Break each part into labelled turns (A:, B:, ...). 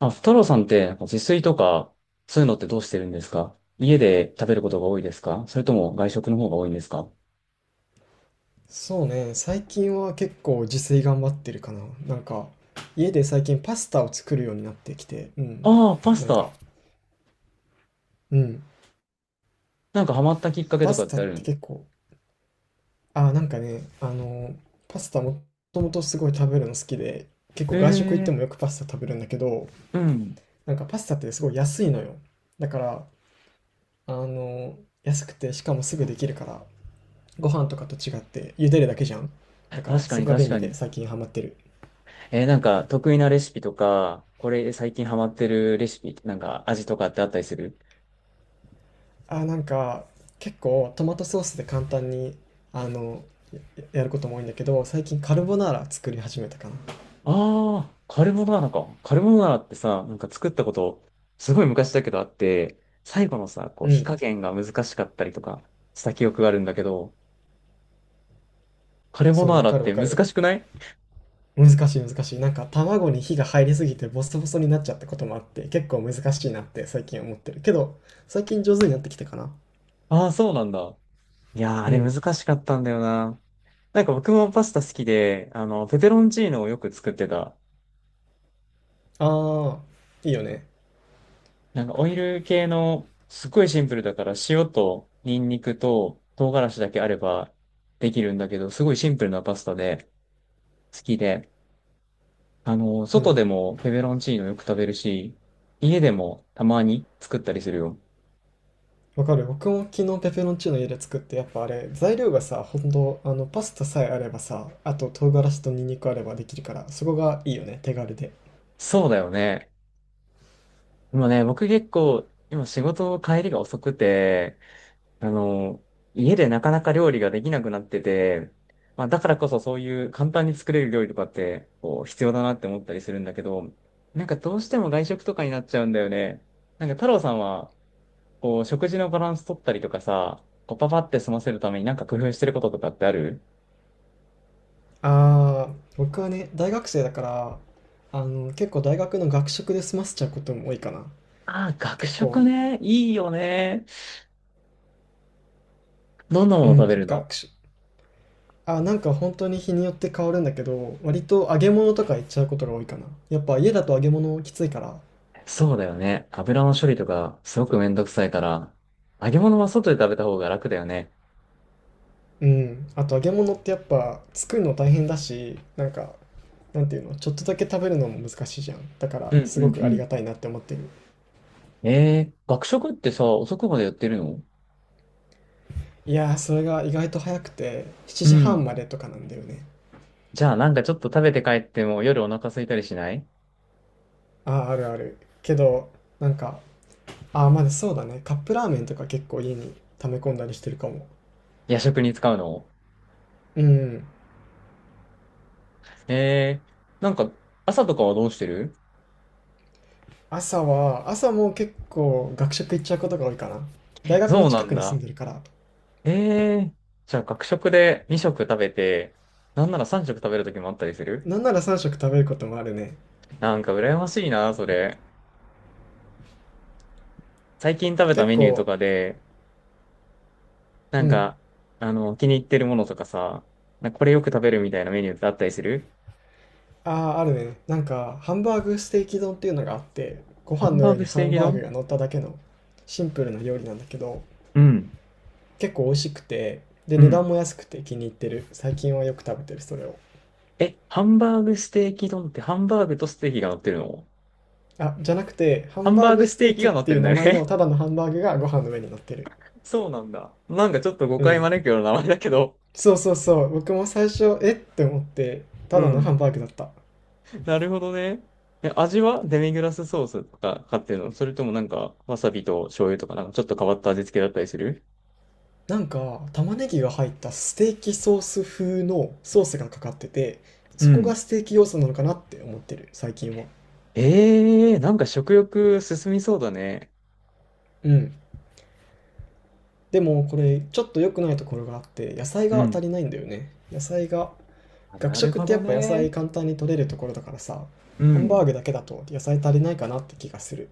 A: あ、太郎さんって、自炊とか、そういうのってどうしてるんですか？家で食べることが多いですか？それとも外食の方が多いんですか？
B: そうね、最近は結構自炊頑張ってるかな。なんか、家で最近パスタを作るようになってきて、うん。
A: ああ、パス
B: なんか、
A: タ。
B: うん。
A: ハマったきっかけ
B: パ
A: とか
B: ス
A: っ
B: タ
A: てあ
B: って
A: る？
B: 結構、あ、なんかね、あの、パスタもともとすごい食べるの好きで、結構外食行って
A: え
B: もよ
A: え
B: くパスタ食べるんだけど、
A: ー、うん。
B: なんかパスタってすごい安いのよ。だから、あの、安くてしかもすぐできるから、ご飯とかと違って茹でるだけじゃん。だから、
A: 確か
B: そ
A: に
B: こが
A: 確
B: 便利
A: か
B: で
A: に。
B: 最近ハマってる。
A: えー、得意なレシピとか、これ最近ハマってるレシピ、味とかってあったりする？
B: あ、なんか、結構トマトソースで簡単に、あの、や、やることも多いんだけど、最近カルボナーラ作り始めたかな。
A: ああカルボナーラか。カルボナーラってさ、作ったこと、すごい昔だけどあって、最後のさ、こう
B: う
A: 火
B: ん。
A: 加減が難しかったりとかした記憶があるんだけど、カルボ
B: そ
A: ナ
B: う、
A: ー
B: わ
A: ラ
B: か
A: っ
B: るわ
A: て
B: か
A: 難
B: る。
A: しくない？
B: 難しい。なんか卵に火が入りすぎてボソボソになっちゃったこともあって、結構難しいなって最近思ってる。けど、最近上手になってきたかな。
A: ああー、そうなんだ。いやー、あ
B: う
A: れ
B: ん。
A: 難しかったんだよな。僕もパスタ好きで、ペペロンチーノをよく作ってた。
B: ああ、いいよね。
A: オイル系の、すっごいシンプルだから塩とニンニクと唐辛子だけあればできるんだけど、すごいシンプルなパスタで好きで、
B: う
A: 外
B: ん。
A: でもペペロンチーノよく食べるし、家でもたまに作ったりするよ。
B: わかる。僕も昨日ペペロンチーノ家で作って、やっぱあれ材料がさ、ほんとあのパスタさえあればさ、あと唐辛子とニンニクあればできるから、そこがいいよね、手軽で。
A: そうだよね。今ね、僕結構、今仕事帰りが遅くて、あの、家でなかなか料理ができなくなってて、まあだからこそそういう簡単に作れる料理とかってこう必要だなって思ったりするんだけど、なんかどうしても外食とかになっちゃうんだよね。太郎さんはこう食事のバランス取ったりとかさ、こうパパって済ませるために工夫してることとかってある？
B: ああ、僕はね大学生だから、結構大学の学食で済ませちゃうことも多いかな。
A: ああー、学
B: 結構
A: 食ね。いいよね。どんなも
B: う
A: の食べ
B: ん、
A: るの？
B: 学食、なんか本当に日によって変わるんだけど、割と揚げ物とかいっちゃうことが多いかな。やっぱ家だと揚げ物きついから。
A: そうだよね。油の処理とかすごくめんどくさいから、揚げ物は外で食べた方が楽だよね。
B: うん。あと揚げ物ってやっぱ作るの大変だし、なんていうの、ちょっとだけ食べるのも難しいじゃん。だか
A: う
B: ら
A: ん
B: す
A: う
B: ご
A: ん
B: く
A: う
B: あり
A: ん。
B: がたいなって思ってる。
A: えー、学食ってさ、遅くまでやってるの？
B: いやー、それが意外と早くて、7
A: う
B: 時
A: ん。
B: 半までとかなんだよね。
A: じゃあなんかちょっと食べて帰っても夜お腹空いたりしない？
B: ああ、あるある。けど、なんか、ああ、まだそうだね。カップラーメンとか結構家に溜め込んだりしてるかも。
A: 夜食に使うの？
B: うん。
A: えー、なんか朝とかはどうしてる？
B: 朝は、朝も結構学食行っちゃうことが多いかな。大学の
A: そうな
B: 近
A: ん
B: くに住
A: だ。
B: んでるから。
A: えー、じゃあ学食で2食食べて、なんなら3食食べる時もあったりする？
B: なんなら3食食べることもあるね。
A: なんか羨ましいな、それ。最近食べた
B: 結
A: メニューと
B: 構、
A: かで、な
B: う
A: ん
B: ん。
A: か、気に入ってるものとかさ、なんかこれよく食べるみたいなメニューってあったりする？
B: ああ、あるね。なんか、ハンバーグステーキ丼っていうのがあって、ご
A: ハ
B: 飯
A: ン
B: の
A: バー
B: 上
A: グ
B: に
A: ス
B: ハ
A: テー
B: ン
A: キ
B: バーグ
A: 丼。
B: が乗っただけのシンプルな料理なんだけど、
A: うん。
B: 結構美味しくて、で、
A: う
B: 値
A: ん。
B: 段も安くて気に入ってる。最近はよく食べてる、それを。
A: え、ハンバーグステーキ丼ってハンバーグとステーキが乗ってるの？
B: あ、じゃなくて、ハ
A: ハ
B: ン
A: ン
B: バ
A: バ
B: ー
A: ーグ
B: グ
A: ス
B: ス
A: テ
B: テ
A: ー
B: ー
A: キ
B: キっ
A: が乗っ
B: て
A: て
B: い
A: る
B: う
A: んだ
B: 名
A: よ
B: 前
A: ね。
B: のただのハンバーグがご飯の上に乗ってる。
A: そうなんだ。なんかちょっと誤
B: う
A: 解
B: ん。
A: 招くような名前だけど。
B: そうそうそう。僕も最初、えって思って、
A: う
B: ただのハ
A: ん。
B: ンバーグだった。
A: なるほどね。え、味はデミグラスソースとか買ってるの？それともなんかわさびと醤油とかなんかちょっと変わった味付けだったりする？
B: なんか、玉ねぎが入ったステーキソース風のソースがかかってて、
A: う
B: そこが
A: ん。
B: ステーキ要素なのかなって思ってる、最近は。
A: ええー、なんか食欲進みそうだね。
B: うん。でも、これ、ちょっと良くないところがあって、野菜
A: う
B: が足
A: ん。
B: りないんだよね。野菜が、
A: あ、
B: 学
A: なる
B: 食っ
A: ほ
B: てや
A: ど
B: っぱ野
A: ね。
B: 菜簡単に取れるところだからさ、
A: う
B: ハンバー
A: ん。
B: グだけだと野菜足りないかなって気がする。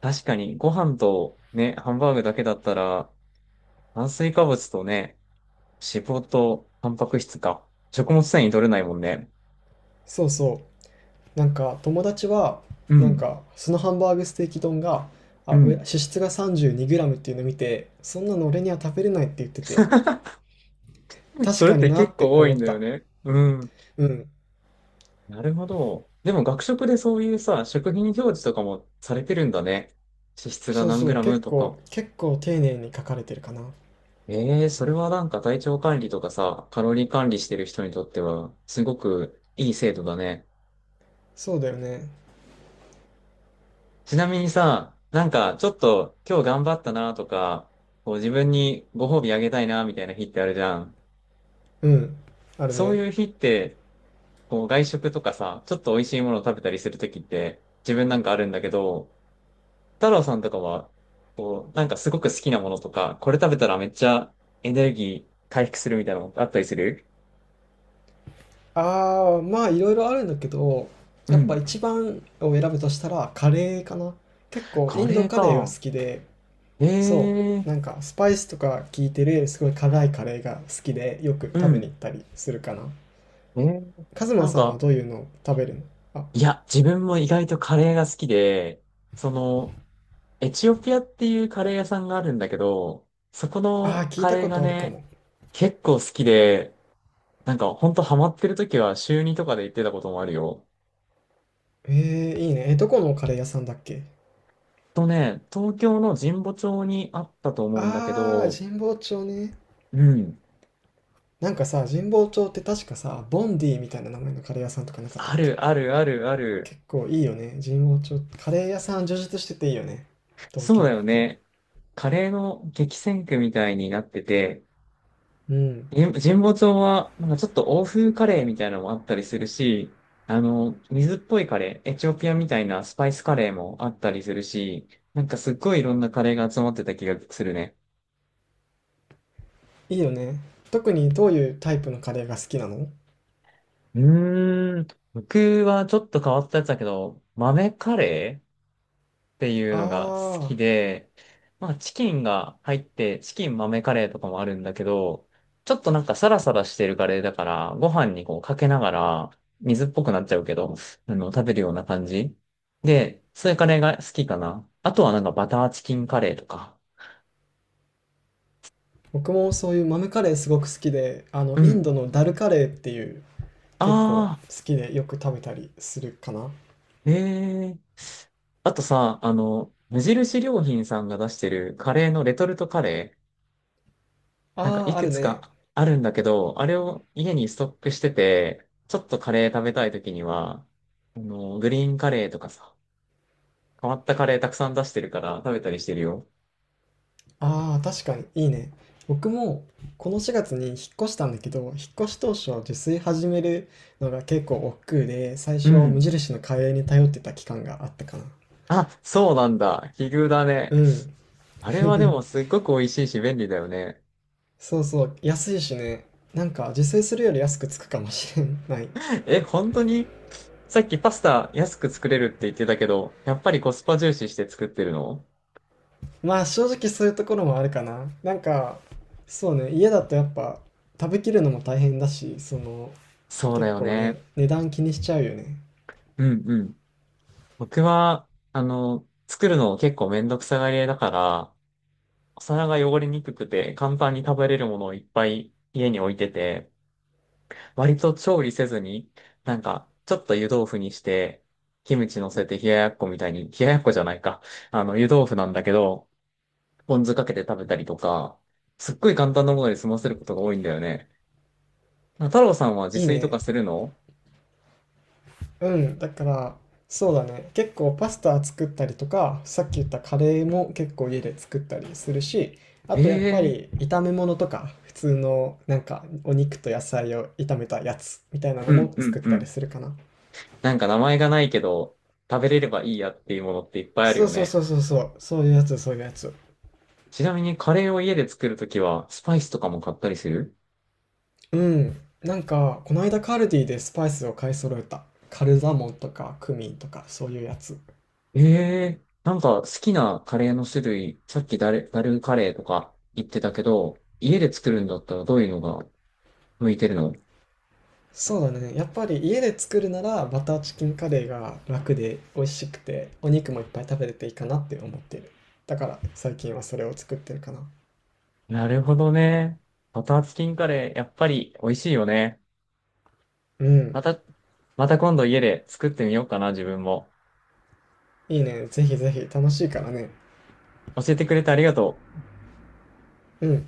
A: 確かにご飯とね、ハンバーグだけだったら炭水化物とね、脂肪とタンパク質か。食物繊維取れないもんね。
B: そうそう。なんか、友達は、
A: うん。
B: そのハンバーグステーキ丼が、あ、
A: うん。
B: 脂質が 32g っていうのを見て、そんなの俺には食べれないって言ってて、確
A: それっ
B: かに
A: て
B: な
A: 結
B: って
A: 構多
B: 思
A: いん
B: っ
A: だよ
B: た。
A: ね。うん。
B: うん。
A: なるほど。でも学食でそういうさ、食品表示とかもされてるんだね。脂質が
B: そう
A: 何
B: そ
A: グ
B: う、
A: ラムとか。
B: 結構丁寧に書かれてるかな。
A: ええそれはなんか体調管理とかさ、カロリー管理してる人にとっては、すごくいい制度だね。
B: そうだよね。
A: ちなみにさ、なんかちょっと今日頑張ったなとか、こう自分にご褒美あげたいなみたいな日ってあるじゃん。
B: うん。ある
A: そう
B: ね。
A: いう日ってこう外食とかさ、ちょっと美味しいものを食べたりするときって自分なんかあるんだけど、太郎さんとかは、こう、なんかすごく好きなものとか、これ食べたらめっちゃエネルギー回復するみたいなのあったりする？
B: ああ、まあいろいろあるんだけど、
A: う
B: やっぱ
A: ん。
B: 一番を選ぶとしたらカレーかな。結構イ
A: カ
B: ンド
A: レー
B: カレーが
A: か。
B: 好きで、そ
A: え
B: う、
A: え
B: なんかスパイスとか効いてるすごい辛いカレーが好きでよく
A: う
B: 食べに
A: ん。
B: 行ったりするかな。
A: えー
B: カズマ
A: なん
B: さんは
A: か、
B: どういうのを食べるの？あ、
A: いや、自分も意外とカレーが好きで、その、エチオピアっていうカレー屋さんがあるんだけど、そこ
B: あー
A: の
B: 聞い
A: カ
B: た
A: レー
B: こ
A: が
B: とあるか
A: ね、
B: も。
A: 結構好きで、なんか、ほんとハマってる時は週にとかで行ってたこともあるよ。
B: えー、いいね。え、どこのカレー屋さんだっけ？
A: とね、東京の神保町にあったと思うんだけ
B: ああ、
A: ど、
B: 神保町ね。
A: うん。
B: なんかさ、神保町って確かさ、ボンディみたいな名前のカレー屋さんとかなかったっ
A: あ
B: け？
A: るあるあるある。
B: 結構いいよね、神保町。カレー屋さん充実してていいよね、東
A: そうだ
B: 京
A: よ
B: って。
A: ね。カレーの激戦区みたいになってて、
B: うん、
A: 神保町は、なんかちょっと欧風カレーみたいなのもあったりするし、水っぽいカレー、エチオピアみたいなスパイスカレーもあったりするし、なんかすっごいいろんなカレーが集まってた気がするね。
B: いいよね。特にどういうタイプのカレーが好きなの？
A: うーん。僕はちょっと変わったやつだけど、豆カレーっていうのが好
B: ああ
A: きで、まあチキンが入って、チキン豆カレーとかもあるんだけど、ちょっとなんかサラサラしてるカレーだから、ご飯にこうかけながら、水っぽくなっちゃうけど、食べるような感じ。で、そういうカレーが好きかな。あとはなんかバターチキンカレーとか。
B: ー、僕もそういう豆カレーすごく好きで、あ
A: う
B: の、インド
A: ん。
B: のダルカレーっていう、
A: あ
B: 結構
A: あ。
B: 好きでよく食べたりするかな。
A: ええあとさ、無印良品さんが出してるカレーのレトルトカレー、なんか
B: あ
A: い
B: あ、あ
A: く
B: る
A: つ
B: ね。
A: かあるんだけど、あれを家にストックしてて、ちょっとカレー食べたい時には、グリーンカレーとかさ、変わったカレーたくさん出してるから食べたりしてるよ。
B: ああ、確かに、いいね。僕も、この4月に引っ越したんだけど、引っ越し当初、自炊始めるのが結構億劫で、最
A: う
B: 初、無
A: ん。
B: 印のカレーに頼ってた期間があったかな。
A: あ、そうなんだ。奇遇だね。
B: うん。
A: あれはでも すっごく美味しいし便利だよね。
B: そうそう、安いしね。なんか、自炊するより安くつくかもしれない。
A: え、本当に？さっきパスタ安く作れるって言ってたけど、やっぱりコスパ重視して作ってるの？
B: まあ、正直そういうところもあるかな。そうね、家だとやっぱ、食べきるのも大変だし、その、
A: そうだ
B: 結
A: よ
B: 構ね、
A: ね。
B: 値段気にしちゃうよね。
A: うんうん。僕は、作るの結構めんどくさがり屋だから、お皿が汚れにくくて簡単に食べれるものをいっぱい家に置いてて、割と調理せずに、なんか、ちょっと湯豆腐にして、キムチ乗せて冷ややっこみたいに、冷ややっこじゃないか。湯豆腐なんだけど、ポン酢かけて食べたりとか、すっごい簡単なもので済ませることが多いんだよね。太郎さんは自
B: いい
A: 炊とか
B: ね。
A: するの？
B: うん、だから、そうだね。結構パスタ作ったりとか、さっき言ったカレーも結構家で作ったりするし、あ
A: え
B: とやっぱ
A: え
B: り炒め物とか、普通のなんかお肉と野菜を炒めたやつみたいな
A: ー
B: の
A: うん
B: も
A: うん
B: 作っ
A: う
B: たり
A: ん。
B: するかな。
A: なんか名前がないけど、食べれればいいやっていうものっていっぱいある
B: そう
A: よ
B: そう
A: ね。
B: そうそうそう、そういうやつ、そういうやつ。
A: ちなみにカレーを家で作るときは、スパイスとかも買ったりする？
B: うん。なんか、この間カルディでスパイスを買い揃えた。カルダモンとかクミンとかそういうやつ。
A: ええー、なんか好きなカレーの種類、さっきダル、ダルカレーとか言ってたけど、家で作るんだったらどういうのが向いてるの？
B: そうだね。やっぱり家で作るならバターチキンカレーが楽で美味しくてお肉もいっぱい食べれていいかなって思っている。だから最近はそれを作ってるかな。
A: なるほどね。バターチキンカレー、やっぱり美味しいよね。
B: うん。
A: また、また今度家で作ってみようかな、自分も。
B: いいね。ぜひぜひ楽しいからね。
A: 教えてくれてありがとう。
B: うん。